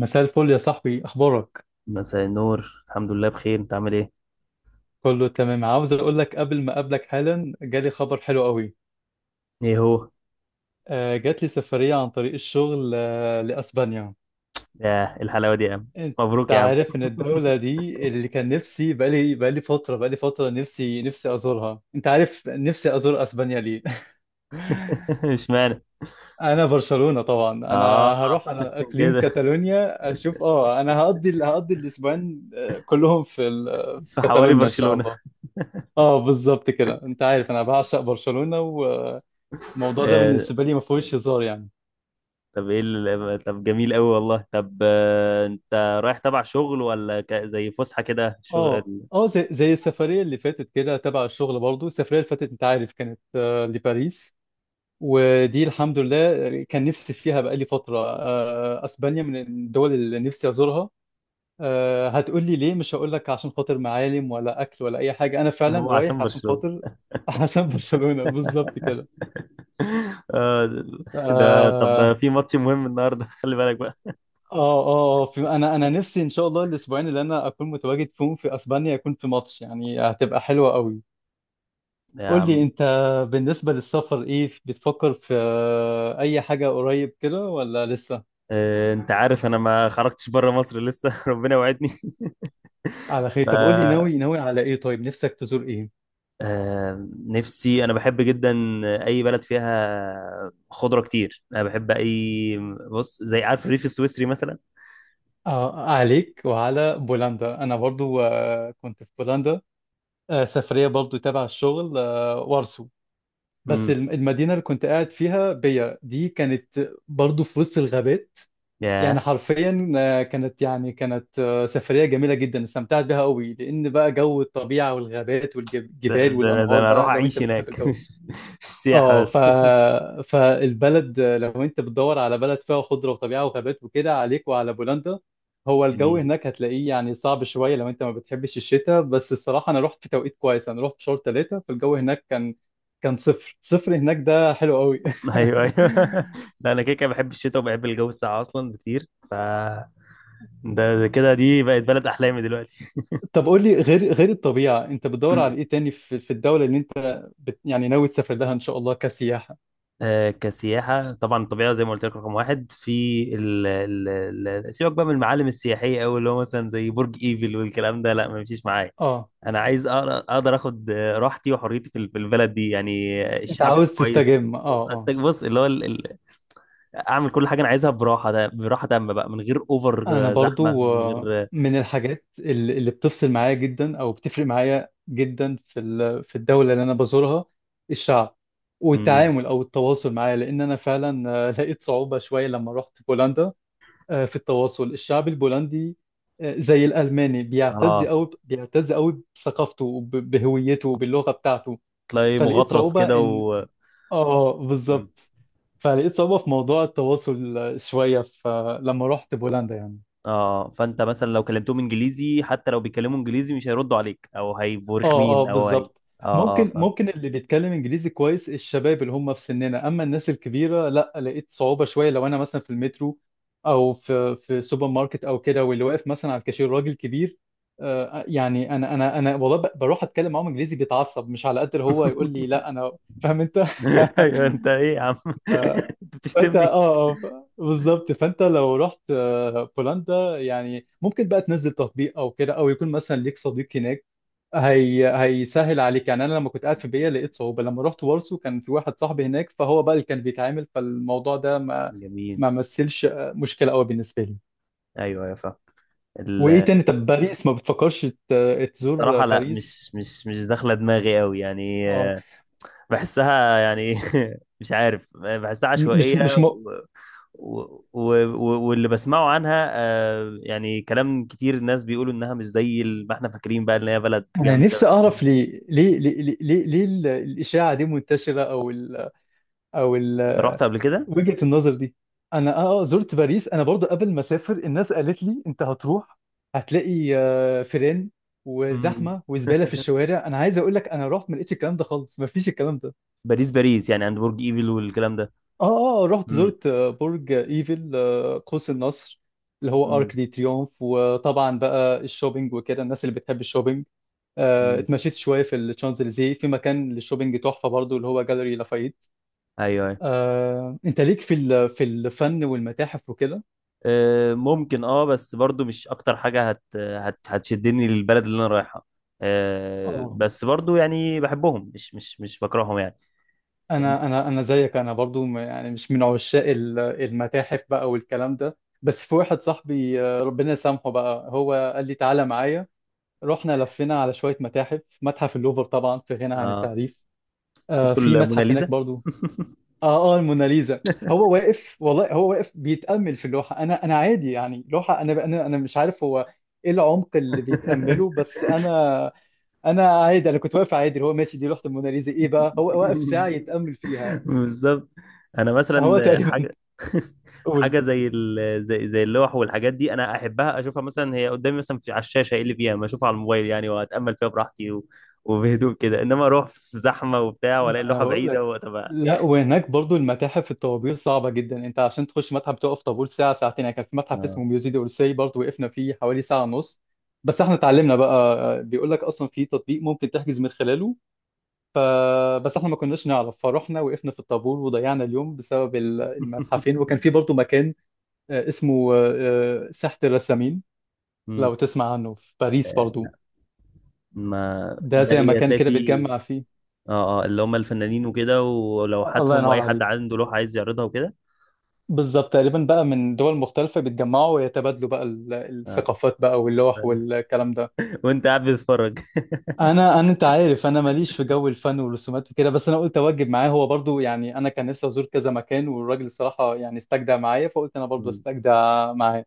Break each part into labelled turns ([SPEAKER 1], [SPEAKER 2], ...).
[SPEAKER 1] مساء الفل يا صاحبي، اخبارك؟
[SPEAKER 2] مساء النور، الحمد لله بخير. انت عامل ايه؟
[SPEAKER 1] كله تمام. عاوز اقول لك قبل ما اقابلك حالا، جالي خبر حلو قوي.
[SPEAKER 2] ايه هو؟
[SPEAKER 1] جات لي سفرية عن طريق الشغل، لاسبانيا.
[SPEAKER 2] يا الحلاوه دي يا عم.
[SPEAKER 1] انت
[SPEAKER 2] مبروك يا عم.
[SPEAKER 1] عارف ان الدولة دي اللي كان نفسي، بقالي فترة نفسي ازورها. انت عارف نفسي ازور اسبانيا ليه؟
[SPEAKER 2] اشمعنى؟
[SPEAKER 1] انا برشلونة طبعا.
[SPEAKER 2] اه،
[SPEAKER 1] انا هروح على
[SPEAKER 2] عشان
[SPEAKER 1] اقليم
[SPEAKER 2] كده،
[SPEAKER 1] كاتالونيا اشوف، انا هقضي الاسبوعين، كلهم في
[SPEAKER 2] في حواري
[SPEAKER 1] كاتالونيا ان شاء
[SPEAKER 2] برشلونه.
[SPEAKER 1] الله. اه، بالظبط كده. انت عارف انا بعشق برشلونة، والموضوع ده
[SPEAKER 2] آه.
[SPEAKER 1] بالنسبة لي ما فيهوش هزار يعني.
[SPEAKER 2] طب ايه ال... طب جميل قوي والله. طب انت رايح تبع شغل ولا ك... زي فسحه كده
[SPEAKER 1] اه،
[SPEAKER 2] شغل؟
[SPEAKER 1] اه، زي السفرية اللي فاتت كده، تبع الشغل برضو. السفرية اللي فاتت انت عارف كانت، لباريس. ودي الحمد لله كان نفسي فيها بقالي فترة. اسبانيا من الدول اللي نفسي ازورها. هتقول لي ليه؟ مش هقول لك عشان خاطر معالم ولا اكل ولا اي حاجة، انا
[SPEAKER 2] هو
[SPEAKER 1] فعلا رايح
[SPEAKER 2] عشان
[SPEAKER 1] عشان
[SPEAKER 2] برشلونه.
[SPEAKER 1] خاطر عشان برشلونة، بالظبط كده.
[SPEAKER 2] آه. ده طب ده
[SPEAKER 1] آه،
[SPEAKER 2] في ماتش مهم النهارده. خلي بالك بقى
[SPEAKER 1] اه، اه، آه، في انا نفسي ان شاء الله الاسبوعين اللي انا اكون متواجد فيهم في اسبانيا يكون في ماتش، يعني هتبقى حلوة قوي.
[SPEAKER 2] يا
[SPEAKER 1] قول لي
[SPEAKER 2] عم.
[SPEAKER 1] انت، بالنسبة للسفر ايه بتفكر في؟ اي حاجة قريب كده ولا لسه؟
[SPEAKER 2] انت عارف انا ما خرجتش بره مصر لسه. ربنا وعدني.
[SPEAKER 1] على خير. طب قول لي، ناوي على ايه؟ طيب نفسك تزور ايه؟
[SPEAKER 2] نفسي، انا بحب جدا اي بلد فيها خضره كتير. انا بحب اي، بص، زي، عارف الريف السويسري مثلا.
[SPEAKER 1] عليك وعلى بولندا. انا برضو، كنت في بولندا، سفرية برضو تبع الشغل، وارسو. بس
[SPEAKER 2] امم،
[SPEAKER 1] المدينة اللي كنت قاعد فيها بيا دي كانت برضو في وسط الغابات. يعني
[SPEAKER 2] يا
[SPEAKER 1] حرفيا، كانت، سفرية جميلة جدا، استمتعت بيها قوي. لأن بقى جو الطبيعة والغابات
[SPEAKER 2] ده,
[SPEAKER 1] والجبال
[SPEAKER 2] ده, انا ده
[SPEAKER 1] والأنهار
[SPEAKER 2] انا اروح
[SPEAKER 1] بقى، لو أنت
[SPEAKER 2] اعيش
[SPEAKER 1] بتحب
[SPEAKER 2] هناك.
[SPEAKER 1] الجو ده.
[SPEAKER 2] مش مش سياحه
[SPEAKER 1] اه،
[SPEAKER 2] بس.
[SPEAKER 1] فالبلد، لو أنت بتدور على بلد فيها خضرة وطبيعة وغابات وكده، عليك وعلى بولندا. هو الجو
[SPEAKER 2] جميل،
[SPEAKER 1] هناك هتلاقيه يعني صعب شوية لو أنت ما بتحبش الشتاء، بس الصراحة أنا رحت في توقيت كويس. أنا رحت في شهر ثلاثة، فالجو هناك كان صفر صفر هناك، ده حلو قوي.
[SPEAKER 2] ايوه ايوه. لا انا كده كده بحب الشتاء وبحب الجو الساقع اصلا بكتير، ف ده كده دي بقت بلد احلامي دلوقتي.
[SPEAKER 1] طب قول لي، غير الطبيعة، انت بتدور على ايه تاني في الدولة اللي انت يعني ناوي تسافر لها ان شاء الله كسياحة؟
[SPEAKER 2] كسياحة، طبعا الطبيعة زي ما قلت لك رقم واحد، في ال ال ال سيبك بقى من المعالم السياحية أوي اللي هو مثلا زي برج إيفل والكلام ده، لا ما يمشيش معايا.
[SPEAKER 1] اه،
[SPEAKER 2] أنا عايز أقدر، أقدر آخد راحتي وحريتي في ال- في البلد دي، يعني
[SPEAKER 1] انت
[SPEAKER 2] الشعب يبقى
[SPEAKER 1] عاوز
[SPEAKER 2] كويس.
[SPEAKER 1] تستجم؟
[SPEAKER 2] بص
[SPEAKER 1] اه. اه،
[SPEAKER 2] أستك- بص، اللي هو ال- ال- أعمل كل حاجة أنا عايزها براحة. ده براحة تامة بقى، من غير أوفر
[SPEAKER 1] انا
[SPEAKER 2] زحمة،
[SPEAKER 1] برضو،
[SPEAKER 2] من غير
[SPEAKER 1] من الحاجات اللي بتفصل معايا جدا، او بتفرق معايا جدا في في الدولة اللي انا بزورها، الشعب
[SPEAKER 2] مم.
[SPEAKER 1] والتعامل او التواصل معايا. لان انا فعلا، لقيت صعوبة شوية لما رحت بولندا، في التواصل. الشعب البولندي، زي الألماني، بيعتز
[SPEAKER 2] آه،
[SPEAKER 1] أوي بيعتز أوي بثقافته بهويته وباللغة بتاعته.
[SPEAKER 2] تلاقي
[SPEAKER 1] فلقيت
[SPEAKER 2] مغطرس كده
[SPEAKER 1] صعوبة إن،
[SPEAKER 2] و مم.
[SPEAKER 1] بالظبط. فلقيت صعوبة في موضوع التواصل، شوية لما رحت بولندا يعني.
[SPEAKER 2] اه، فانت مثلا لو كلمتهم انجليزي، حتى لو بيتكلموا انجليزي مش هيردوا عليك او هيبقوا
[SPEAKER 1] اه، اه،
[SPEAKER 2] رخمين او هي...
[SPEAKER 1] بالظبط.
[SPEAKER 2] اه اه،
[SPEAKER 1] ممكن
[SPEAKER 2] فاهم.
[SPEAKER 1] ممكن اللي بيتكلم انجليزي كويس الشباب اللي هم في سننا، اما الناس الكبيره لا، لقيت صعوبه شويه. لو انا مثلا في المترو او في سوبر ماركت او كده، واللي واقف مثلا على الكاشير راجل كبير، يعني انا والله بروح اتكلم معاهم انجليزي بيتعصب، مش على قد اللي هو يقول لي لا انا فاهم انت.
[SPEAKER 2] ايوه، انت ايه يا عم؟ انت
[SPEAKER 1] فانت،
[SPEAKER 2] بتشتمني؟
[SPEAKER 1] آه، ف- بالظبط. فانت لو رحت، بولندا، يعني ممكن بقى تنزل تطبيق او كده، او يكون مثلا ليك صديق هناك هي هيسهل عليك يعني. انا لما كنت قاعد في بيا لقيت صعوبه، لما رحت وارسو كان في واحد صاحبي هناك فهو بقى اللي كان بيتعامل، فالموضوع ده ما
[SPEAKER 2] جميل،
[SPEAKER 1] ما مثلش مشكله قوي بالنسبه لي.
[SPEAKER 2] ايوه ايوه فاهم.
[SPEAKER 1] وايه
[SPEAKER 2] ال-
[SPEAKER 1] تاني؟ طب باريس، ما بتفكرش تزور
[SPEAKER 2] الصراحه لا،
[SPEAKER 1] باريس؟
[SPEAKER 2] مش داخله دماغي قوي يعني.
[SPEAKER 1] اه،
[SPEAKER 2] بحسها يعني، مش عارف، بحسها
[SPEAKER 1] مش
[SPEAKER 2] عشوائيه
[SPEAKER 1] مش م...
[SPEAKER 2] واللي بسمعه عنها، يعني كلام كتير، الناس بيقولوا انها مش زي ما احنا فاكرين بقى، ان هي بلد
[SPEAKER 1] انا
[SPEAKER 2] جامده.
[SPEAKER 1] نفسي اعرف ليه، الاشاعه دي منتشره، او
[SPEAKER 2] انت
[SPEAKER 1] ال...
[SPEAKER 2] رحت قبل كده؟
[SPEAKER 1] وجهة النظر دي. انا، زرت باريس انا برضو. قبل ما اسافر الناس قالت لي انت هتروح هتلاقي، فيران
[SPEAKER 2] مم.
[SPEAKER 1] وزحمه وزباله في الشوارع. انا عايز اقول لك انا رحت ما لقيتش الكلام ده خالص، ما فيش الكلام ده.
[SPEAKER 2] باريس، باريس يعني عند برج ايفل والكلام ده؟
[SPEAKER 1] اه، اه، رحت
[SPEAKER 2] امم،
[SPEAKER 1] زرت، برج ايفل، قوس النصر، اللي هو ارك
[SPEAKER 2] امم،
[SPEAKER 1] دي تريومف. وطبعا بقى الشوبينج وكده، الناس اللي بتحب الشوبينج،
[SPEAKER 2] امم،
[SPEAKER 1] اتمشيت شويه في الشانزليزيه، في مكان للشوبينج تحفه برضو اللي هو جاليري لافايت.
[SPEAKER 2] ايوه ايوه.
[SPEAKER 1] انت ليك في في الفن والمتاحف وكده.
[SPEAKER 2] أه ممكن، اه، بس برضو مش اكتر حاجه هت هت هتشدني للبلد اللي انا رايحها. أه
[SPEAKER 1] اه،
[SPEAKER 2] بس برضو يعني بحبهم، مش بكرههم يعني. ال-
[SPEAKER 1] انا زيك، انا برضو، يعني مش من عشاق المتاحف بقى والكلام ده، بس في واحد صاحبي، ربنا يسامحه بقى، هو قال لي تعالى معايا. رحنا لفينا على شوية متاحف. متحف اللوفر طبعا في غنى عن
[SPEAKER 2] اه،
[SPEAKER 1] التعريف. آه،
[SPEAKER 2] شفتوا
[SPEAKER 1] في متحف
[SPEAKER 2] الموناليزا؟
[SPEAKER 1] هناك برضو. اه، اه، الموناليزا. هو واقف والله، هو واقف بيتأمل في اللوحة. انا عادي يعني لوحة. انا مش عارف هو ايه العمق اللي بيتأمله، بس انا عادي. انا كنت واقف عادي، اللي هو ماشي دي لوحة الموناليزا ايه بقى هو واقف ساعة يتأمل فيها.
[SPEAKER 2] بالظبط. انا
[SPEAKER 1] هو
[SPEAKER 2] مثلا
[SPEAKER 1] تقريبا
[SPEAKER 2] حاجه،
[SPEAKER 1] قول،
[SPEAKER 2] حاجه زي ال... زي اللوح والحاجات دي انا احبها اشوفها مثلا هي قدامي، مثلا في على الشاشه ايه اللي فيها، ما اشوفها على الموبايل يعني واتامل فيها براحتي، و... وبهدوء كده، انما اروح في زحمه وبتاع والاقي
[SPEAKER 1] ما انا
[SPEAKER 2] اللوحه
[SPEAKER 1] بقول
[SPEAKER 2] بعيده
[SPEAKER 1] لك.
[SPEAKER 2] وطب...
[SPEAKER 1] لا، وهناك برضو المتاحف الطوابير صعبة جدا. انت عشان تخش متحف تقف طابور ساعة، ساعتين يعني. كان في متحف
[SPEAKER 2] اه.
[SPEAKER 1] اسمه ميوزي دي اورسي، برضو وقفنا فيه حوالي ساعة ونص. بس احنا اتعلمنا بقى، بيقول لك اصلا في تطبيق ممكن تحجز من خلاله. ف بس احنا ما كناش نعرف فروحنا وقفنا في الطابور وضيعنا اليوم بسبب المتحفين. وكان في برضو مكان، اسمه، ساحة الرسامين.
[SPEAKER 2] مم.
[SPEAKER 1] لو تسمع عنه في باريس برضو.
[SPEAKER 2] لا، ما
[SPEAKER 1] ده
[SPEAKER 2] ده
[SPEAKER 1] زي
[SPEAKER 2] ايه
[SPEAKER 1] مكان
[SPEAKER 2] هتلاقي
[SPEAKER 1] كده
[SPEAKER 2] فيه؟
[SPEAKER 1] بتجمع فيه.
[SPEAKER 2] اه اه، اللي هم الفنانين وكده
[SPEAKER 1] الله
[SPEAKER 2] ولوحاتهم،
[SPEAKER 1] ينور
[SPEAKER 2] واي حد
[SPEAKER 1] عليك.
[SPEAKER 2] عنده لوحه عايز يعرضها وكده.
[SPEAKER 1] بالظبط تقريبا بقى من دول مختلفة بيتجمعوا ويتبادلوا بقى
[SPEAKER 2] اه.
[SPEAKER 1] الثقافات بقى واللوح والكلام ده.
[SPEAKER 2] وانت قاعد بتتفرج.
[SPEAKER 1] انا انت عارف انا ماليش في جو الفن والرسومات وكده، بس انا قلت اوجب معاه، هو برضو يعني انا كان نفسي ازور كذا مكان، والراجل الصراحة يعني استجدع معايا فقلت انا برضو استجدع معاه.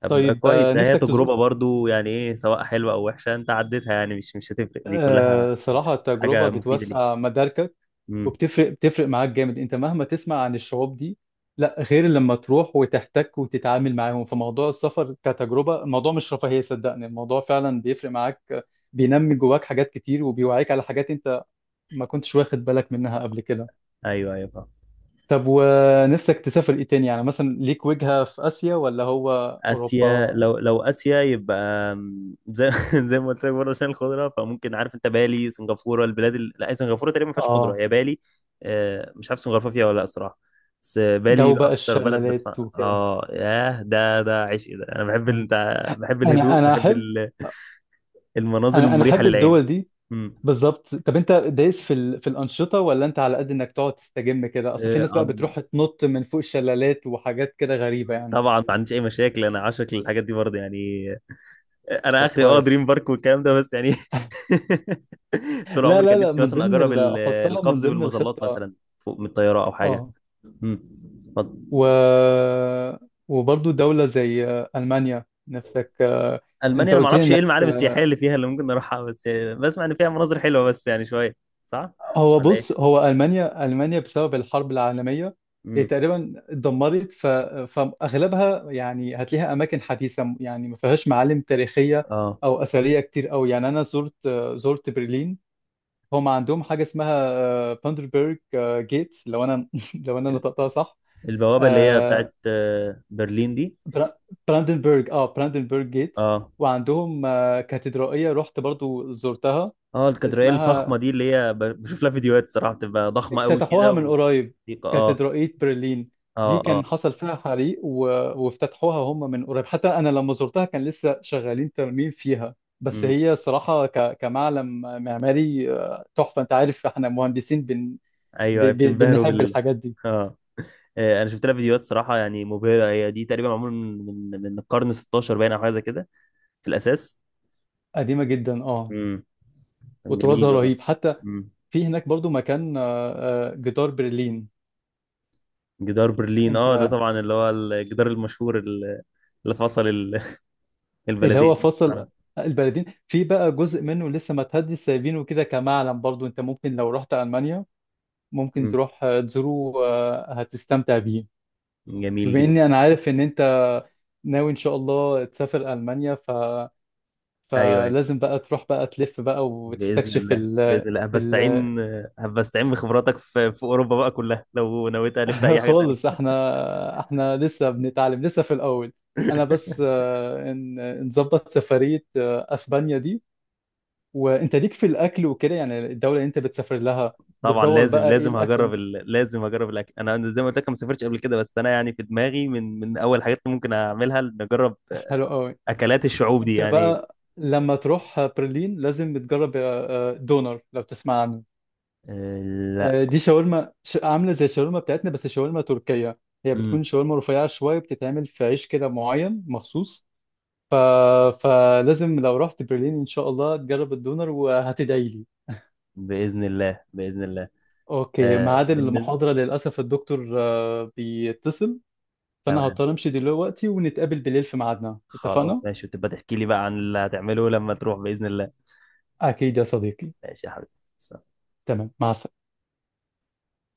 [SPEAKER 2] طب
[SPEAKER 1] طيب،
[SPEAKER 2] كويس، هي
[SPEAKER 1] نفسك
[SPEAKER 2] تجربة
[SPEAKER 1] تزور،
[SPEAKER 2] برضو، يعني ايه، سواء حلوة او وحشة، انت عديتها، يعني مش مش هتفرق، دي كلها
[SPEAKER 1] صراحة تجربة
[SPEAKER 2] حاجة مفيدة ليك.
[SPEAKER 1] بتوسع مداركك
[SPEAKER 2] امم.
[SPEAKER 1] وبتفرق معاك جامد. انت مهما تسمع عن الشعوب دي، لا غير لما تروح وتحتك وتتعامل معاهم. فموضوع السفر كتجربة، الموضوع مش رفاهية، صدقني الموضوع فعلا بيفرق معاك، بينمي جواك حاجات كتير وبيوعيك على حاجات انت ما كنتش واخد بالك منها قبل كده.
[SPEAKER 2] ايوه ايوه فاهم.
[SPEAKER 1] طب ونفسك تسافر ايه تاني؟ يعني مثلا ليك وجهة في آسيا ولا هو أوروبا؟
[SPEAKER 2] اسيا، لو لو اسيا يبقى أم، زي، زي ما قلت لك برضه عشان الخضرة، فممكن، عارف انت، بالي، سنغافورة، البلاد ال... لا سنغافورة تقريبا ما فيهاش خضرة،
[SPEAKER 1] اه،
[SPEAKER 2] هي بالي. مش عارف سنغافورة فيها ولا لا صراحة، بس بالي
[SPEAKER 1] جو بقى
[SPEAKER 2] اكتر بلد
[SPEAKER 1] الشلالات
[SPEAKER 2] بسمع،
[SPEAKER 1] وكده.
[SPEAKER 2] اه، ياه ده، ده عشق ده. انا بحب ال...
[SPEAKER 1] مم.
[SPEAKER 2] بتاع- بحب
[SPEAKER 1] انا
[SPEAKER 2] الهدوء،
[SPEAKER 1] انا
[SPEAKER 2] بحب
[SPEAKER 1] احب،
[SPEAKER 2] ال- المناظر
[SPEAKER 1] انا
[SPEAKER 2] المريحة
[SPEAKER 1] احب
[SPEAKER 2] للعين.
[SPEAKER 1] الدول دي. بالظبط. طب انت دايس في الانشطه، ولا انت على قد انك تقعد تستجم كده؟ اصل في ناس بقى
[SPEAKER 2] امم،
[SPEAKER 1] بتروح تنط من فوق شلالات وحاجات كده غريبه يعني.
[SPEAKER 2] طبعا ما عنديش اي مشاكل، انا عاشق للحاجات دي برضه يعني. انا
[SPEAKER 1] طب
[SPEAKER 2] اخري اه
[SPEAKER 1] كويس.
[SPEAKER 2] دريم بارك والكلام ده، بس يعني طول
[SPEAKER 1] لا،
[SPEAKER 2] عمري
[SPEAKER 1] لا،
[SPEAKER 2] كان
[SPEAKER 1] لا،
[SPEAKER 2] نفسي
[SPEAKER 1] من
[SPEAKER 2] مثلا
[SPEAKER 1] ضمن
[SPEAKER 2] اجرب ال-
[SPEAKER 1] احطها من
[SPEAKER 2] القفز
[SPEAKER 1] ضمن
[SPEAKER 2] بالمظلات
[SPEAKER 1] الخطه.
[SPEAKER 2] مثلا، فوق من الطياره او حاجه.
[SPEAKER 1] اه،
[SPEAKER 2] امم. اتفضل.
[SPEAKER 1] و... وبرضو دوله زي المانيا نفسك،
[SPEAKER 2] المانيا
[SPEAKER 1] انت
[SPEAKER 2] انا ما
[SPEAKER 1] قلت لي
[SPEAKER 2] اعرفش ايه
[SPEAKER 1] انك...
[SPEAKER 2] المعالم السياحيه اللي فيها اللي ممكن نروحها، بس بسمع ان فيها مناظر حلوه بس يعني شويه. صح،
[SPEAKER 1] هو
[SPEAKER 2] ولا
[SPEAKER 1] بص،
[SPEAKER 2] ايه؟
[SPEAKER 1] هو ألمانيا، بسبب الحرب العالمية إيه،
[SPEAKER 2] امم.
[SPEAKER 1] تقريبا اتدمرت. فأغلبها يعني هتلاقيها أماكن حديثة، يعني ما فيهاش معالم تاريخية
[SPEAKER 2] اه،
[SPEAKER 1] أو أثرية كتير أوي. يعني أنا زرت برلين. هم عندهم حاجة اسمها باندربرج جيتس، لو أنا لو أنا
[SPEAKER 2] ال-
[SPEAKER 1] نطقتها صح.
[SPEAKER 2] البوابه اللي هي
[SPEAKER 1] آه،
[SPEAKER 2] بتاعت برلين دي.
[SPEAKER 1] برا- براندنبرج جيتس.
[SPEAKER 2] اه
[SPEAKER 1] وعندهم، كاتدرائية رحت برضو زرتها،
[SPEAKER 2] اه، الكاتدرائيه الفخمه
[SPEAKER 1] اسمها،
[SPEAKER 2] دي اللي هي ب- بشوف لها فيديوهات الصراحه، بتبقى ضخمه قوي
[SPEAKER 1] افتتحوها
[SPEAKER 2] كده
[SPEAKER 1] من
[SPEAKER 2] و...
[SPEAKER 1] قريب،
[SPEAKER 2] اه
[SPEAKER 1] كاتدرائية برلين. دي
[SPEAKER 2] اه.
[SPEAKER 1] كان
[SPEAKER 2] اه.
[SPEAKER 1] حصل فيها حريق و... وافتتحوها هم من قريب، حتى أنا لما زرتها كان لسه شغالين ترميم فيها. بس
[SPEAKER 2] امم.
[SPEAKER 1] هي صراحة كمعلم معماري، تحفة. أنت عارف إحنا مهندسين
[SPEAKER 2] ايوه، بتنبهروا
[SPEAKER 1] بنحب
[SPEAKER 2] بال...
[SPEAKER 1] الحاجات دي.
[SPEAKER 2] اه. انا شفت لها فيديوهات صراحه، يعني مبهره. هي دي تقريبا معمول من من القرن 16، باين، او حاجه زي كده في الاساس.
[SPEAKER 1] قديمة جدا أه.
[SPEAKER 2] امم. كان
[SPEAKER 1] وطرازها
[SPEAKER 2] جميل والله.
[SPEAKER 1] رهيب حتى.
[SPEAKER 2] امم.
[SPEAKER 1] في هناك برضو مكان، جدار برلين.
[SPEAKER 2] جدار برلين،
[SPEAKER 1] أنت،
[SPEAKER 2] اه، ده طبعا اللي هو الجدار المشهور ال- اللي فصل ال-
[SPEAKER 1] اللي هو
[SPEAKER 2] البلدين،
[SPEAKER 1] فصل
[SPEAKER 2] اه.
[SPEAKER 1] البلدين، في بقى جزء منه لسه ما تهدي سايبينه كده كمعلم برضو. أنت ممكن لو رحت ألمانيا ممكن
[SPEAKER 2] امم.
[SPEAKER 1] تروح، تزوره، هتستمتع بيه.
[SPEAKER 2] جميل
[SPEAKER 1] بما
[SPEAKER 2] جدا.
[SPEAKER 1] اني انا عارف ان انت ناوي ان شاء الله تسافر المانيا،
[SPEAKER 2] ايوه ايوه،
[SPEAKER 1] فلازم بقى تروح بقى تلف بقى
[SPEAKER 2] باذن
[SPEAKER 1] وتستكشف
[SPEAKER 2] الله،
[SPEAKER 1] ال
[SPEAKER 2] باذن الله
[SPEAKER 1] ال
[SPEAKER 2] هبستعين، هبستعين بخبراتك في في اوروبا بقى كلها لو نويت الف في اي حاجه
[SPEAKER 1] خالص،
[SPEAKER 2] تانيه.
[SPEAKER 1] احنا لسه بنتعلم لسه في الاول. انا بس، نظبط سفرية، اسبانيا دي. وانت ليك في الاكل وكده يعني؟ الدولة اللي انت بتسافر لها
[SPEAKER 2] طبعا
[SPEAKER 1] بتدور
[SPEAKER 2] لازم،
[SPEAKER 1] بقى ايه؟
[SPEAKER 2] لازم
[SPEAKER 1] الاكل
[SPEAKER 2] هجرب ال... لازم هجرب الاكل. انا زي ما قلت لك ما سافرتش قبل كده، بس انا يعني في دماغي من اول حاجات اللي ممكن اعملها نجرب
[SPEAKER 1] حلو قوي.
[SPEAKER 2] اكلات الشعوب دي
[SPEAKER 1] انت
[SPEAKER 2] يعني.
[SPEAKER 1] بقى لما تروح برلين لازم تجرب، دونر لو تسمع عنه.
[SPEAKER 2] آه. لا.
[SPEAKER 1] دي شاورما عامله زي الشاورما بتاعتنا، بس شاورما تركيه. هي بتكون
[SPEAKER 2] امم.
[SPEAKER 1] شاورما رفيعه شويه، بتتعمل في عيش كده معين مخصوص. ف... فلازم لو رحت برلين ان شاء الله تجرب الدونر وهتدعي لي.
[SPEAKER 2] باذن الله، باذن الله.
[SPEAKER 1] اوكي،
[SPEAKER 2] آه
[SPEAKER 1] ميعاد
[SPEAKER 2] بالنسبه...
[SPEAKER 1] المحاضره للاسف الدكتور، بيتصل. فانا
[SPEAKER 2] تمام.
[SPEAKER 1] هضطر امشي دلوقتي ونتقابل بالليل في ميعادنا،
[SPEAKER 2] خلاص
[SPEAKER 1] اتفقنا؟
[SPEAKER 2] ماشي، وتبقى تحكي لي بقى عن اللي هتعمله لما تروح باذن الله.
[SPEAKER 1] اكيد يا صديقي.
[SPEAKER 2] ماشي يا حبيبي.
[SPEAKER 1] تمام، مع السلامه.